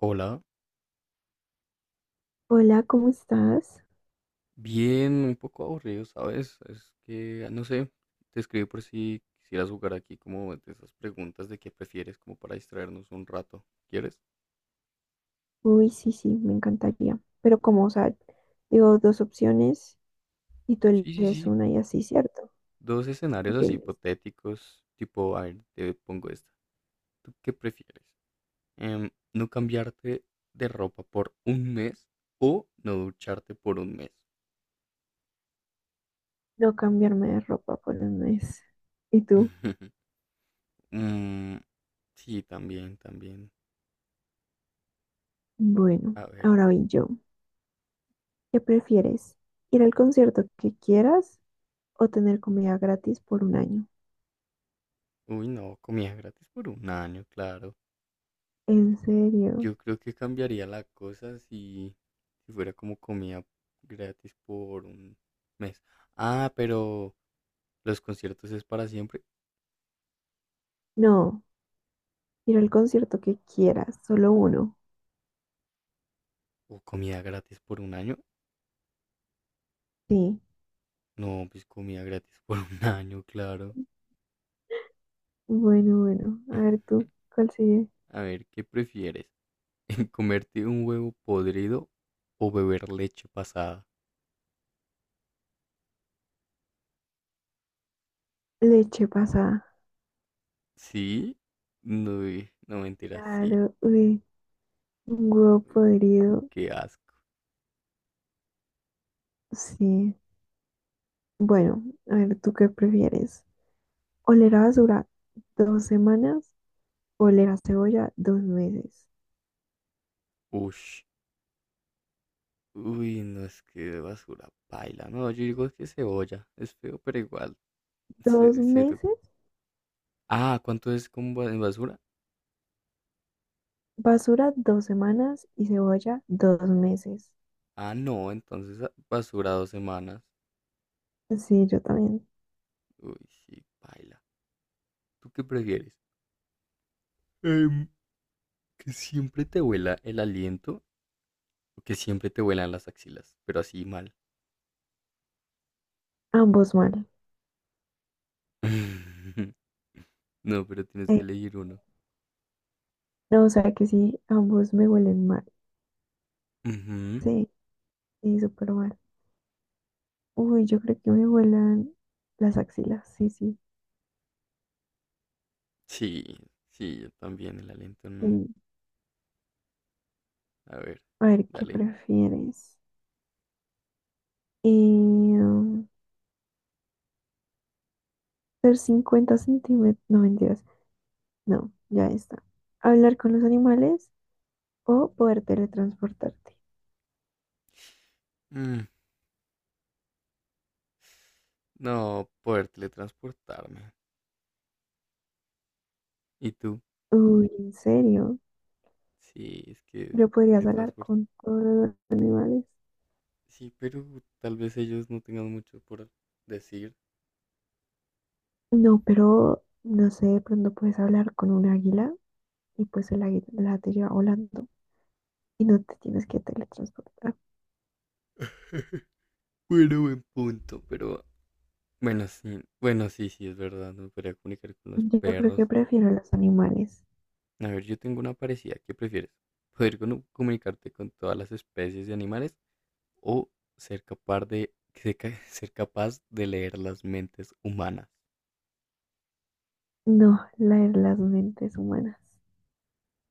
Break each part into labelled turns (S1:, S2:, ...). S1: Hola,
S2: Hola, ¿cómo estás?
S1: bien, un poco aburrido, ¿sabes? Es que, no sé, te escribí por si quisieras jugar aquí como de esas preguntas de qué prefieres, como para distraernos un rato. ¿Quieres?
S2: Uy, sí, sí, me encantaría. Pero como, o sea, digo dos opciones y tú
S1: Sí, sí,
S2: eliges
S1: sí.
S2: una y así, ¿cierto?
S1: Dos escenarios
S2: Ok,
S1: así
S2: listo.
S1: hipotéticos, tipo, a ver, te pongo esta. ¿Tú qué prefieres? ¿No cambiarte de ropa por un mes o no ducharte por un mes?
S2: No cambiarme de ropa por un mes. ¿Y tú?
S1: Mm, sí, también, también.
S2: Bueno,
S1: A ver.
S2: ahora voy yo. ¿Qué prefieres? ¿Ir al concierto que quieras o tener comida gratis por un año?
S1: Uy, no, comida gratis por un año, claro.
S2: ¿En serio?
S1: Yo creo que cambiaría la cosa si fuera como comida gratis por un mes. Ah, pero los conciertos es para siempre.
S2: No, ir al concierto que quieras, solo uno.
S1: ¿O comida gratis por un año?
S2: Sí.
S1: No, pues comida gratis por un año, claro.
S2: Bueno, bueno, a ver tú, ¿cuál sigue?
S1: A ver, ¿qué prefieres? ¿Comerte un huevo podrido o beber leche pasada?
S2: Leche pasada.
S1: ¿Sí? No, no mentira, sí.
S2: Claro, uy. Un huevo podrido,
S1: Qué asco.
S2: sí. Bueno, a ver, ¿tú qué prefieres? ¿Oler a basura dos semanas o oler a cebolla dos meses?
S1: Ush. Uy, no es que basura paila. No, yo digo que cebolla. Es feo, pero igual.
S2: Dos
S1: Se- se to-
S2: meses,
S1: Ah, ¿cuánto es con en basura?
S2: basura dos semanas y cebolla dos meses.
S1: Ah, no, entonces basura 2 semanas.
S2: Sí, yo también.
S1: Uy, sí, paila. ¿Tú qué prefieres? Em, que siempre te huela el aliento o que siempre te huelan las axilas, pero así mal.
S2: Ambos mal.
S1: No, pero tienes que
S2: Eh,
S1: elegir uno.
S2: no, o sea que sí, ambos me huelen mal.
S1: Ujú.
S2: Sí, sí, súper mal. Uy, yo creo que me huelan las axilas. Sí, sí,
S1: Sí, sí, yo también el aliento no.
S2: sí.
S1: A ver,
S2: A ver, ¿qué
S1: dale.
S2: prefieres? Eh, Ser 50 centímetros, no mentiras, no, ya está. Hablar con los animales o poder teletransportarte.
S1: Mm, no, poder teletransportarme. ¿Y tú?
S2: Uy, en serio,
S1: Sí, es que
S2: yo podrías hablar
S1: teletransportarme.
S2: con todos los animales.
S1: Sí, pero tal vez ellos no tengan mucho por decir.
S2: No, pero no sé, de pronto puedes hablar con un águila y pues el águila te lleva volando y no te tienes que teletransportar.
S1: Bueno, buen punto. Pero bueno, sí, bueno, sí, sí, es verdad, no me podría comunicar con los
S2: Yo creo
S1: perros.
S2: que prefiero los animales,
S1: A ver, yo tengo una parecida, ¿qué prefieres? ¿Poder comunicarte con todas las especies de animales o ser capaz de, ser ca- ser capaz de leer las mentes humanas?
S2: no leer las mentes humanas.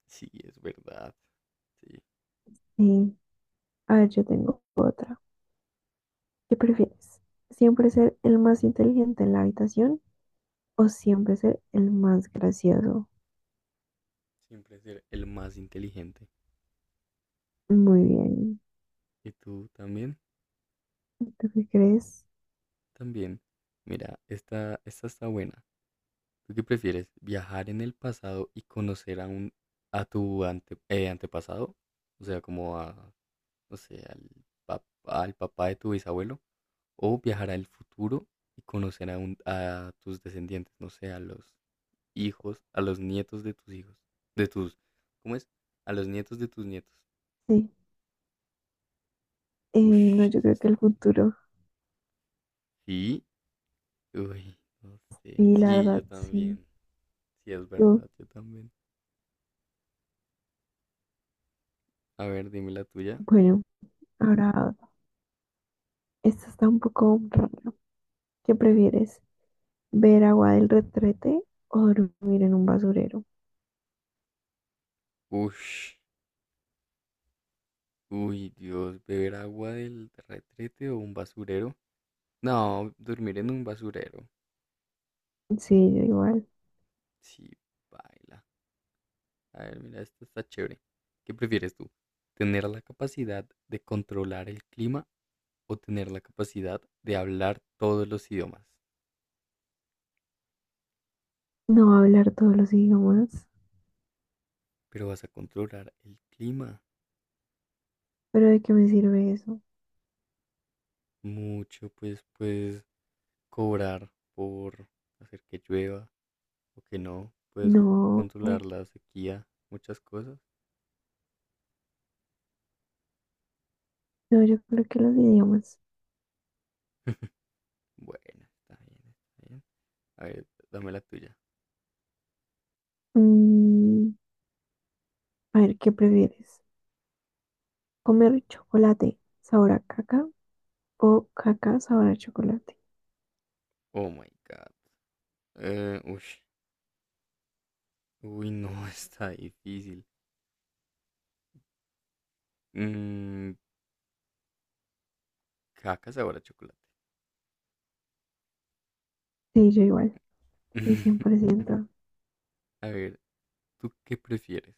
S1: Sí, es verdad. Sí,
S2: Sí. A ver, yo tengo otra. ¿Qué prefieres? ¿Siempre ser el más inteligente en la habitación o siempre ser el más gracioso?
S1: siempre ser el más inteligente.
S2: Muy bien.
S1: ¿Y tú también?
S2: ¿Tú qué crees?
S1: También. Mira, esta está buena. ¿Tú qué prefieres? ¿Viajar en el pasado y conocer a tu antepasado? O sea, como a, no sé, al papá de tu bisabuelo. ¿O viajar al futuro y conocer a tus descendientes? No sé, a los hijos, a los nietos de tus hijos. De tus, ¿cómo es? A los nietos de tus nietos.
S2: Sí. Eh, no,
S1: Ush,
S2: yo creo
S1: esa
S2: que
S1: está
S2: el
S1: buena.
S2: futuro.
S1: Sí, uy, no sé.
S2: Sí, la
S1: Sí, yo
S2: verdad, sí.
S1: también. Sí, es
S2: Tú.
S1: verdad, yo también. A ver, dime la tuya.
S2: Bueno, ahora, esta está un poco raro. ¿Qué prefieres? ¿Ver agua del retrete o dormir en un basurero?
S1: Ush. Uy, Dios, beber agua del retrete o un basurero. No, dormir en un basurero.
S2: Sí, yo igual.
S1: Sí, baila. A ver, mira, esto está chévere. ¿Qué prefieres tú? ¿Tener la capacidad de controlar el clima o tener la capacidad de hablar todos los idiomas?
S2: No hablar todos los idiomas.
S1: Pero vas a controlar el clima.
S2: ¿Pero de qué me sirve eso?
S1: Mucho, pues puedes cobrar por hacer que llueva o que no. Puedes
S2: No.
S1: controlar la sequía, muchas cosas.
S2: No, yo creo que los idiomas.
S1: Bueno, está bien, está bien. A ver, dame la tuya.
S2: Mm, A ver, ¿qué prefieres? ¿Comer chocolate sabor a caca o caca sabor a chocolate?
S1: Oh my god. Ush. Uy, no, está difícil. Mm, caca sabor a chocolate.
S2: Sí, yo igual. Sí, cien por ciento.
S1: A ver, ¿tú qué prefieres?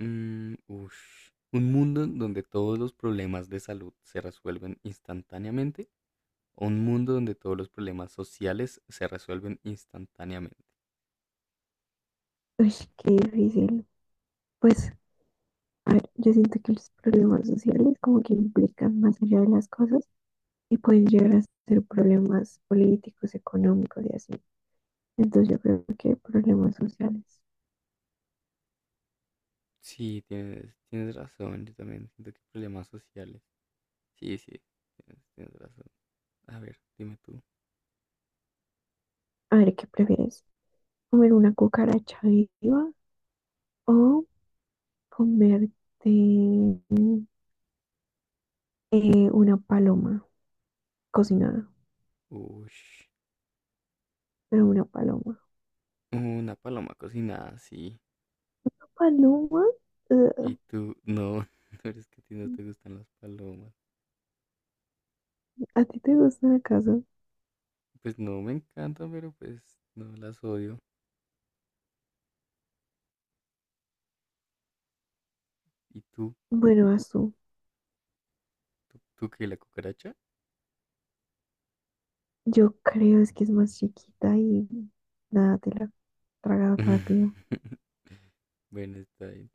S1: Ush. ¿Un mundo en donde todos los problemas de salud se resuelven instantáneamente? ¿O un mundo donde todos los problemas sociales se resuelven instantáneamente?
S2: Uy, qué difícil. Pues, a ver, yo siento que los problemas sociales como que implican más allá de las cosas y pueden llegar a ser problemas políticos, económicos y así. Entonces yo creo que problemas sociales.
S1: Sí, tienes razón. Yo también siento que problemas sociales. Sí, sí, tienes razón. A ver, dime tú.
S2: A ver, ¿qué prefieres? ¿Comer una cucaracha viva o comerte una paloma cocinada?
S1: Ush.
S2: Pero una paloma.
S1: Una paloma cocinada, sí.
S2: ¿Paloma?
S1: Y
S2: Ugh.
S1: tú, no, no eres que a ti no te gustan las palomas.
S2: ¿A ti te gustan acaso?
S1: Pues no me encantan, pero pues no las odio. ¿Y tú?
S2: Bueno, azul.
S1: ¿Tú qué, la cucaracha?
S2: Yo creo es que es más chiquita y nada, te la tragas rápido.
S1: Bueno, está bien.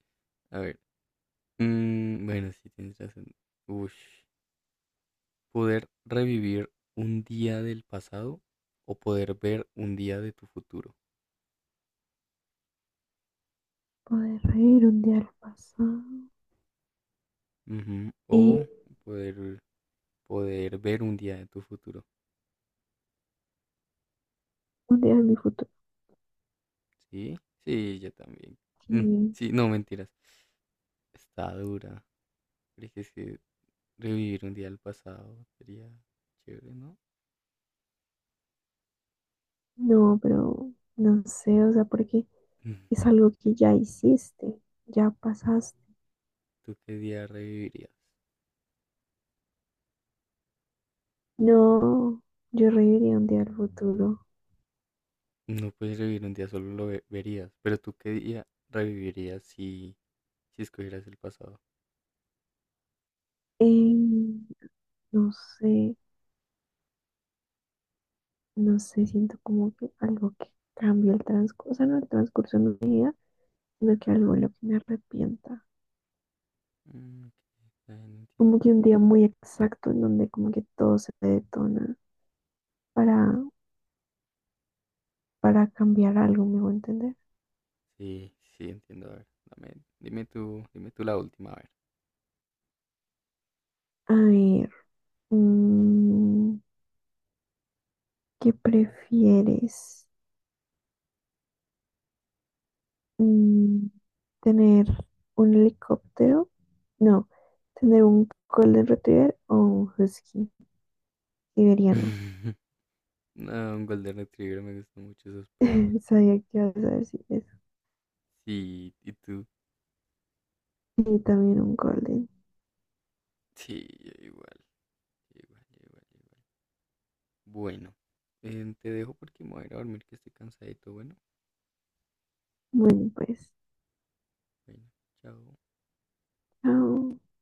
S1: A ver. Mm, bueno, sí, tienes razón. Ush. Poder revivir un día del pasado o poder ver un día de tu futuro.
S2: Poder reír un día al pasado
S1: Ujú,
S2: y
S1: o poder, poder ver un día de tu futuro.
S2: un día en mi futuro.
S1: Sí, sí, yo también. Mm,
S2: Sí,
S1: sí, no, mentiras. Está dura. Pero es que sí, revivir un día del pasado sería chévere, ¿no?
S2: no, pero no sé, o sea, porque
S1: Mm.
S2: es algo que ya hiciste, ya pasaste.
S1: ¿Tú qué día revivirías?
S2: No, yo reiría un día al futuro.
S1: No puedes revivir un día, solo lo verías. Pero ¿tú qué día revivirías si escogieras el pasado?
S2: Em, no sé. No sé, siento como que algo que cambia el transcurso, o sea, no el transcurso de mi vida, sino que algo en lo que me arrepienta.
S1: Mm, ok, no entiendo.
S2: Como que un día muy exacto en donde como que todo se me detona para, para cambiar algo, me voy a entender.
S1: Sí, sí, entiendo. A ver, dime tú la última, a ver.
S2: A ver, mm, ¿qué prefieres? Mm, ¿Tener un helicóptero? No, ¿tener un Golden Retriever o un Husky siberiano?
S1: No, un Golden Retriever, me gustan mucho esos perros.
S2: Sabía que ibas a decir eso.
S1: Sí, ¿y tú?
S2: Y también un Golden.
S1: Sí, yo igual. Igual, igual, igual. Bueno, te dejo porque me voy a ir a dormir que estoy cansadito. Bueno,
S2: Bueno, pues,
S1: bueno, chao.
S2: chao.